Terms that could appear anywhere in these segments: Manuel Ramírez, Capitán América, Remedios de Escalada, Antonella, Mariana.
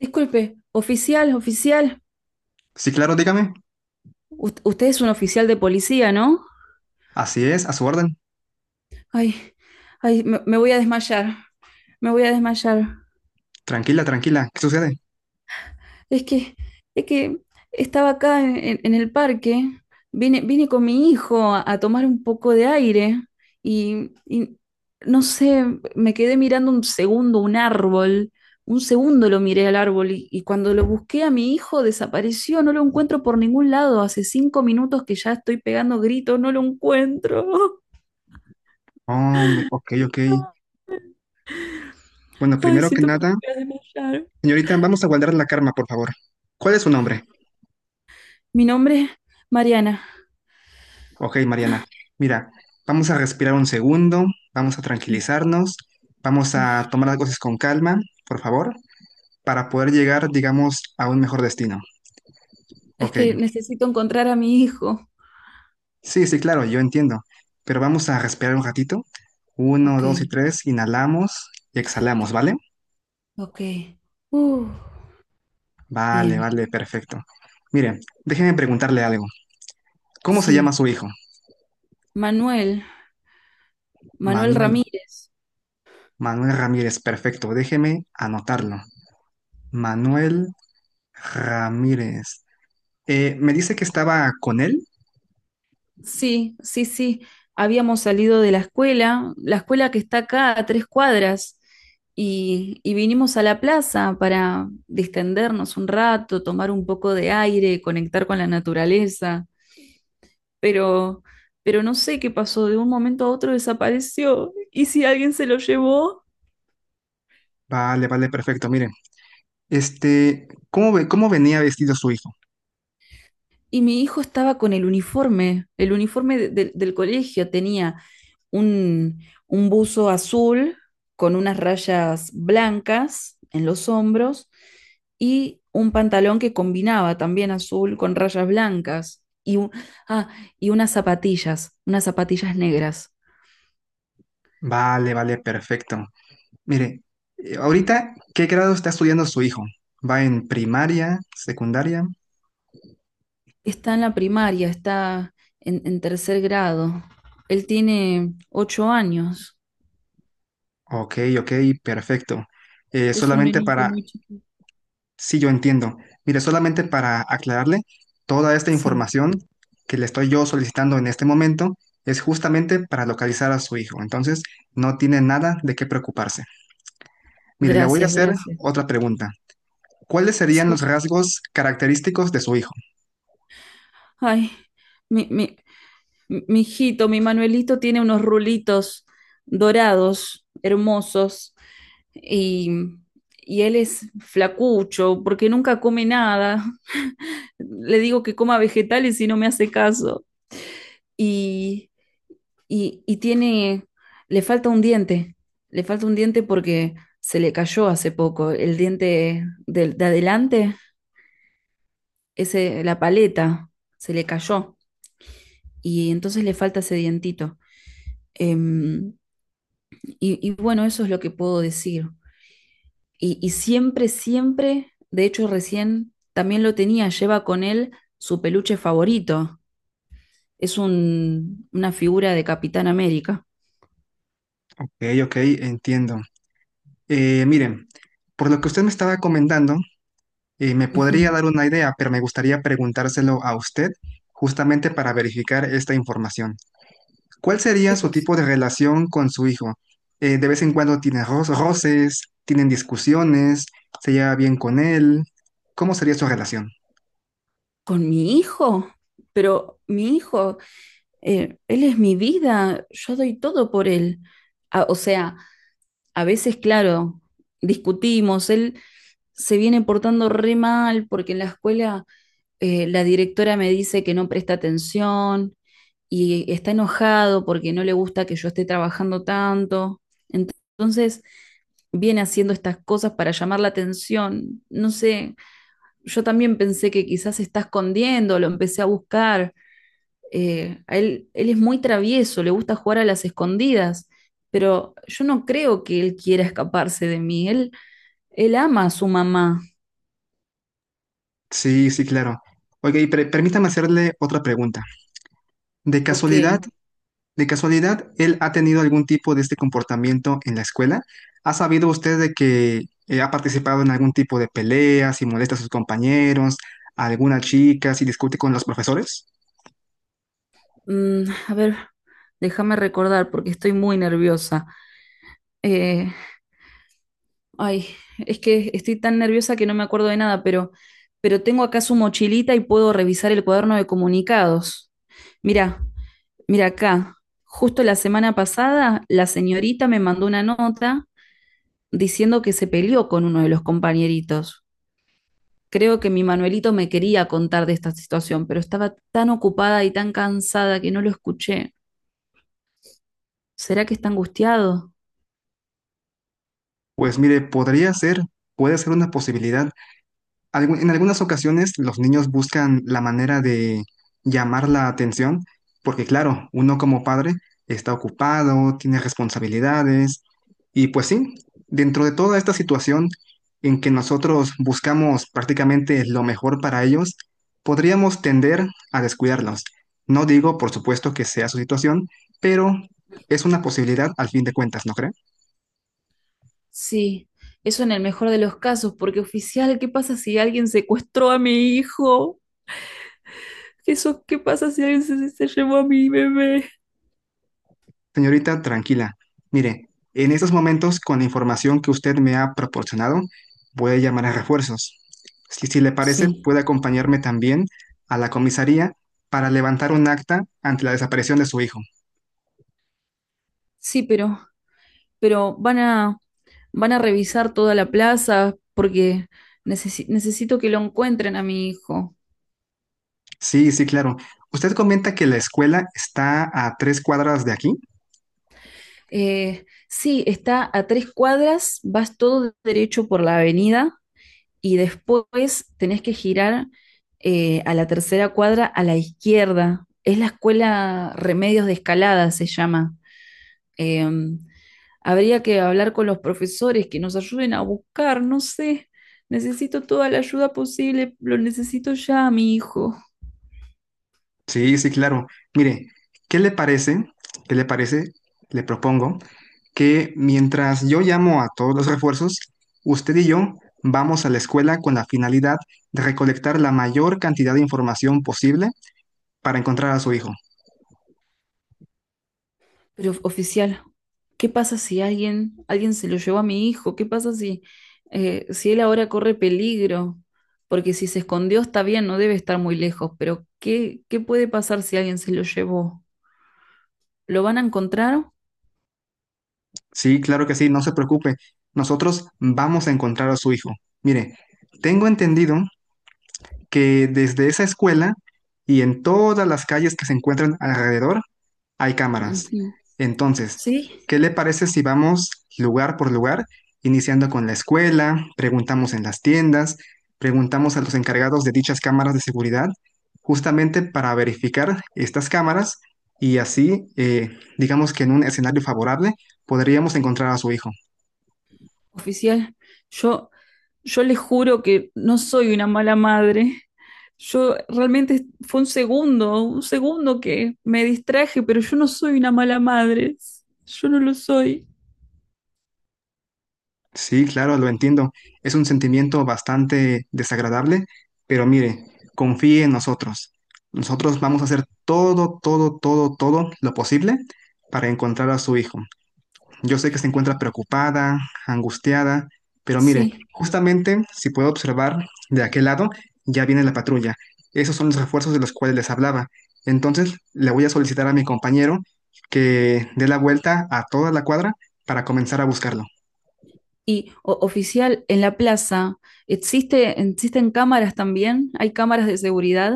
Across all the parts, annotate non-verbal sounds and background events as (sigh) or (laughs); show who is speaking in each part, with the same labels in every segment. Speaker 1: Disculpe, oficial, oficial.
Speaker 2: Sí, claro, dígame.
Speaker 1: Usted es un oficial de policía, ¿no?
Speaker 2: Así es, a su orden.
Speaker 1: Ay, ay, me voy a desmayar. Me voy a desmayar.
Speaker 2: Tranquila, tranquila. ¿Qué sucede?
Speaker 1: Es que, es que estaba acá en el parque, vine con mi hijo a tomar un poco de aire y no sé, me quedé mirando un segundo un árbol, un segundo lo miré al árbol y cuando lo busqué a mi hijo desapareció, no lo encuentro por ningún lado, hace 5 minutos que ya estoy pegando gritos, no lo encuentro.
Speaker 2: Hombre, ok, ok.
Speaker 1: (laughs)
Speaker 2: Bueno,
Speaker 1: Ay,
Speaker 2: primero que
Speaker 1: siento que me
Speaker 2: nada,
Speaker 1: voy a desmayar.
Speaker 2: señorita, vamos a guardar la calma, por favor. ¿Cuál es su nombre?
Speaker 1: Mi nombre es Mariana.
Speaker 2: Ok, Mariana. Mira, vamos a respirar un segundo, vamos a
Speaker 1: Sí,
Speaker 2: tranquilizarnos, vamos a
Speaker 1: sí.
Speaker 2: tomar las cosas con calma, por favor, para poder llegar, digamos, a un mejor destino.
Speaker 1: Es
Speaker 2: Ok.
Speaker 1: que necesito encontrar a mi hijo.
Speaker 2: Sí, sí, claro, yo entiendo. Pero vamos a respirar un ratito. Uno,
Speaker 1: Ok,
Speaker 2: dos y tres, inhalamos y exhalamos, ¿vale?
Speaker 1: ok. Uh,
Speaker 2: Vale,
Speaker 1: bien.
Speaker 2: vale, perfecto. Mire, déjeme preguntarle algo. ¿Cómo se llama
Speaker 1: Sí.
Speaker 2: su hijo?
Speaker 1: Manuel, Manuel
Speaker 2: Manuel.
Speaker 1: Ramírez.
Speaker 2: Manuel Ramírez, perfecto. Déjeme anotarlo. Manuel Ramírez. ¿Me dice que estaba con él?
Speaker 1: Sí, sí, sí. Habíamos salido de la escuela que está acá a 3 cuadras, y vinimos a la plaza para distendernos un rato, tomar un poco de aire, conectar con la naturaleza. Pero, pero no sé qué pasó, de un momento a otro desapareció. ¿Y si alguien se lo llevó?
Speaker 2: Vale, vale, perfecto. Mire, este, ¿cómo cómo venía vestido su hijo?
Speaker 1: Y mi hijo estaba con el uniforme del colegio tenía. Un un, buzo azul con unas rayas blancas en los hombros y un pantalón que combinaba también azul con rayas blancas y, ah, y unas zapatillas negras.
Speaker 2: Vale, vale, perfecto. Mire, ahorita, ¿qué grado está estudiando su hijo? ¿Va en primaria, secundaria?
Speaker 1: Está en la primaria, está en tercer grado. Él tiene 8 años.
Speaker 2: Ok, ok, perfecto.
Speaker 1: Es un
Speaker 2: Solamente
Speaker 1: nenito
Speaker 2: para...
Speaker 1: muy chiquito.
Speaker 2: Sí, yo entiendo. Mire, solamente para aclararle, toda esta
Speaker 1: Sí,
Speaker 2: información que le estoy yo solicitando en este momento es justamente para localizar a su hijo. Entonces, no tiene nada de qué preocuparse. Mire, le voy a
Speaker 1: gracias,
Speaker 2: hacer
Speaker 1: gracias.
Speaker 2: otra pregunta. ¿Cuáles serían los
Speaker 1: Sí.
Speaker 2: rasgos característicos de su hijo?
Speaker 1: Ay, me, me- mi hijito, mi Manuelito tiene unos rulitos dorados, hermosos, y, y él es flacucho porque nunca come nada. Le digo que coma vegetales y no me hace caso. Y, y tiene, le falta un diente, le falta un diente porque se le cayó hace poco. El diente de adelante, ese, la paleta, se le cayó. Y entonces le falta ese dientito. Em, Y, bueno, eso es lo que puedo decir. Y siempre, siempre, de hecho recién también lo tenía, lleva con él su peluche favorito. Es una figura de Capitán América.
Speaker 2: Ok, ok, entiendo. Miren, por lo que usted me estaba comentando, me
Speaker 1: Ujú.
Speaker 2: podría dar una idea, pero me gustaría preguntárselo a usted justamente para verificar esta información. ¿Cuál sería
Speaker 1: ¿Qué
Speaker 2: su
Speaker 1: cosa?
Speaker 2: tipo de relación con su hijo? ¿De vez en cuando tiene roces, tienen discusiones, se lleva bien con él? ¿Cómo sería su relación?
Speaker 1: ¿Con mi hijo? Pero mi hijo, él es mi vida, yo doy todo por él. A- o sea, a veces, claro, discutimos, él se viene portando re mal porque en la escuela la directora me dice que no presta atención y está enojado porque no le gusta que yo esté trabajando tanto. Ent- Entonces, viene haciendo estas cosas para llamar la atención. No sé, yo también pensé que quizás se está escondiendo, lo empecé a buscar. Él es muy travieso, le gusta jugar a las escondidas, pero yo no creo que él quiera escaparse de mí. Él ama a su mamá.
Speaker 2: Sí, sí, claro. Oiga, y permítame hacerle otra pregunta. ¿De
Speaker 1: Ok.
Speaker 2: casualidad, de casualidad, él ha tenido algún tipo de este comportamiento en la escuela? ¿Ha sabido usted de que ha participado en algún tipo de peleas y molesta a sus compañeros, a alguna chica, si discute con los profesores?
Speaker 1: Mm, a ver, déjame recordar porque estoy muy nerviosa. Eh, ay, es que estoy tan nerviosa que no me acuerdo de nada, pero tengo acá su mochilita y puedo revisar el cuaderno de comunicados. Mira, mira acá. Justo la semana pasada, la señorita me mandó una nota diciendo que se peleó con uno de los compañeritos. Creo que mi Manuelito me quería contar de esta situación, pero estaba tan ocupada y tan cansada que no lo escuché. ¿Será que está angustiado?
Speaker 2: Pues mire, podría ser, puede ser una posibilidad, en algunas ocasiones los niños buscan la manera de llamar la atención, porque claro, uno como padre está ocupado, tiene responsabilidades, y pues sí, dentro de toda esta situación en que nosotros buscamos prácticamente lo mejor para ellos, podríamos tender a descuidarlos. No digo, por supuesto, que sea su situación, pero es una posibilidad al fin de cuentas, ¿no cree?
Speaker 1: Sí, eso en el mejor de los casos, porque oficial, ¿qué pasa si alguien secuestró a mi hijo? Eso, ¿qué pasa si alguien se llevó a mi bebé?
Speaker 2: Señorita, tranquila. Mire, en estos momentos, con la información que usted me ha proporcionado, voy a llamar a refuerzos. Si le parece,
Speaker 1: Sí,
Speaker 2: puede acompañarme también a la comisaría para levantar un acta ante la desaparición de su hijo.
Speaker 1: sí, pero van van a revisar toda la plaza porque necesito que lo encuentren a mi hijo.
Speaker 2: Sí, sí, claro. Usted comenta que la escuela está a 3 cuadras de aquí.
Speaker 1: Sí, está a 3 cuadras, vas todo derecho por la avenida y después tenés que girar a la tercera cuadra a la izquierda. Es la escuela Remedios de Escalada, se llama. Eh, habría que hablar con los profesores que nos ayuden a buscar, no sé. Necesito toda la ayuda posible, lo necesito ya, mi hijo.
Speaker 2: Sí, sí, claro. Mire, ¿qué le parece? ¿Qué le parece? Le propongo que mientras yo llamo a todos los refuerzos, usted y yo vamos a la escuela con la finalidad de recolectar la mayor cantidad de información posible para encontrar a su hijo.
Speaker 1: Pero oficial, ¿qué pasa si alguien se lo llevó a mi hijo? ¿Qué pasa si, si él ahora corre peligro? Porque si se escondió está bien, no debe estar muy lejos, pero qué puede pasar si alguien se lo llevó? ¿Lo van a encontrar?
Speaker 2: Sí, claro que sí, no se preocupe. Nosotros vamos a encontrar a su hijo. Mire, tengo entendido que desde esa escuela y en todas las calles que se encuentran alrededor, hay cámaras.
Speaker 1: Ujú.
Speaker 2: Entonces,
Speaker 1: Sí,
Speaker 2: ¿qué le parece si vamos lugar por lugar, iniciando con la escuela, preguntamos en las tiendas, preguntamos a los encargados de dichas cámaras de seguridad, justamente para verificar estas cámaras y así, digamos que en un escenario favorable, podríamos encontrar a su hijo?
Speaker 1: oficial, yo, yo le juro que no soy una mala madre. Yo realmente fue un segundo que me distraje, pero yo no soy una mala madre. Yo no lo soy.
Speaker 2: Sí, claro, lo entiendo. Es un sentimiento bastante desagradable, pero mire, confíe en nosotros. Nosotros vamos a hacer todo, todo, todo, todo lo posible para encontrar a su hijo. Yo sé que se encuentra preocupada, angustiada, pero mire,
Speaker 1: Sí.
Speaker 2: justamente si puedo observar de aquel lado, ya viene la patrulla. Esos son los refuerzos de los cuales les hablaba. Entonces, le voy a solicitar a mi compañero que dé la vuelta a toda la cuadra para comenzar a buscarlo.
Speaker 1: Y oficial, en la plaza, existen cámaras también? ¿Hay cámaras de seguridad?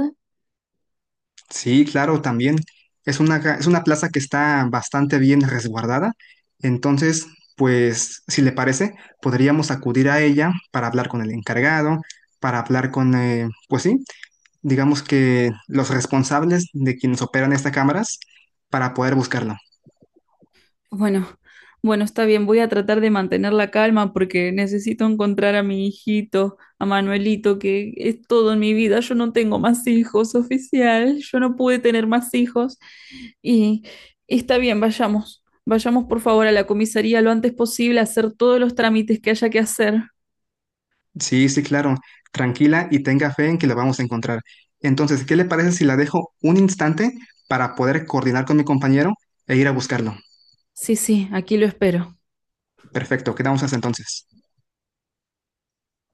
Speaker 2: Sí, claro, también. Es una, es una plaza que está bastante bien resguardada. Entonces, pues, si le parece, podríamos acudir a ella para hablar con el encargado, para hablar con, pues sí, digamos que los responsables de quienes operan estas cámaras, para poder buscarla.
Speaker 1: Bueno, bueno, está bien, voy a tratar de mantener la calma porque necesito encontrar a mi hijito, a Manuelito, que es todo en mi vida. Yo no tengo más hijos, oficial. Yo no pude tener más hijos. Y está bien, vayamos. Vayamos por favor a la comisaría lo antes posible a hacer todos los trámites que haya que hacer.
Speaker 2: Sí, sí, claro. Tranquila y tenga fe en que la vamos a encontrar. Entonces, ¿qué le parece si la dejo un instante para poder coordinar con mi compañero e ir a buscarlo?
Speaker 1: Sí, sí, aquí lo espero.
Speaker 2: Perfecto, quedamos hasta entonces.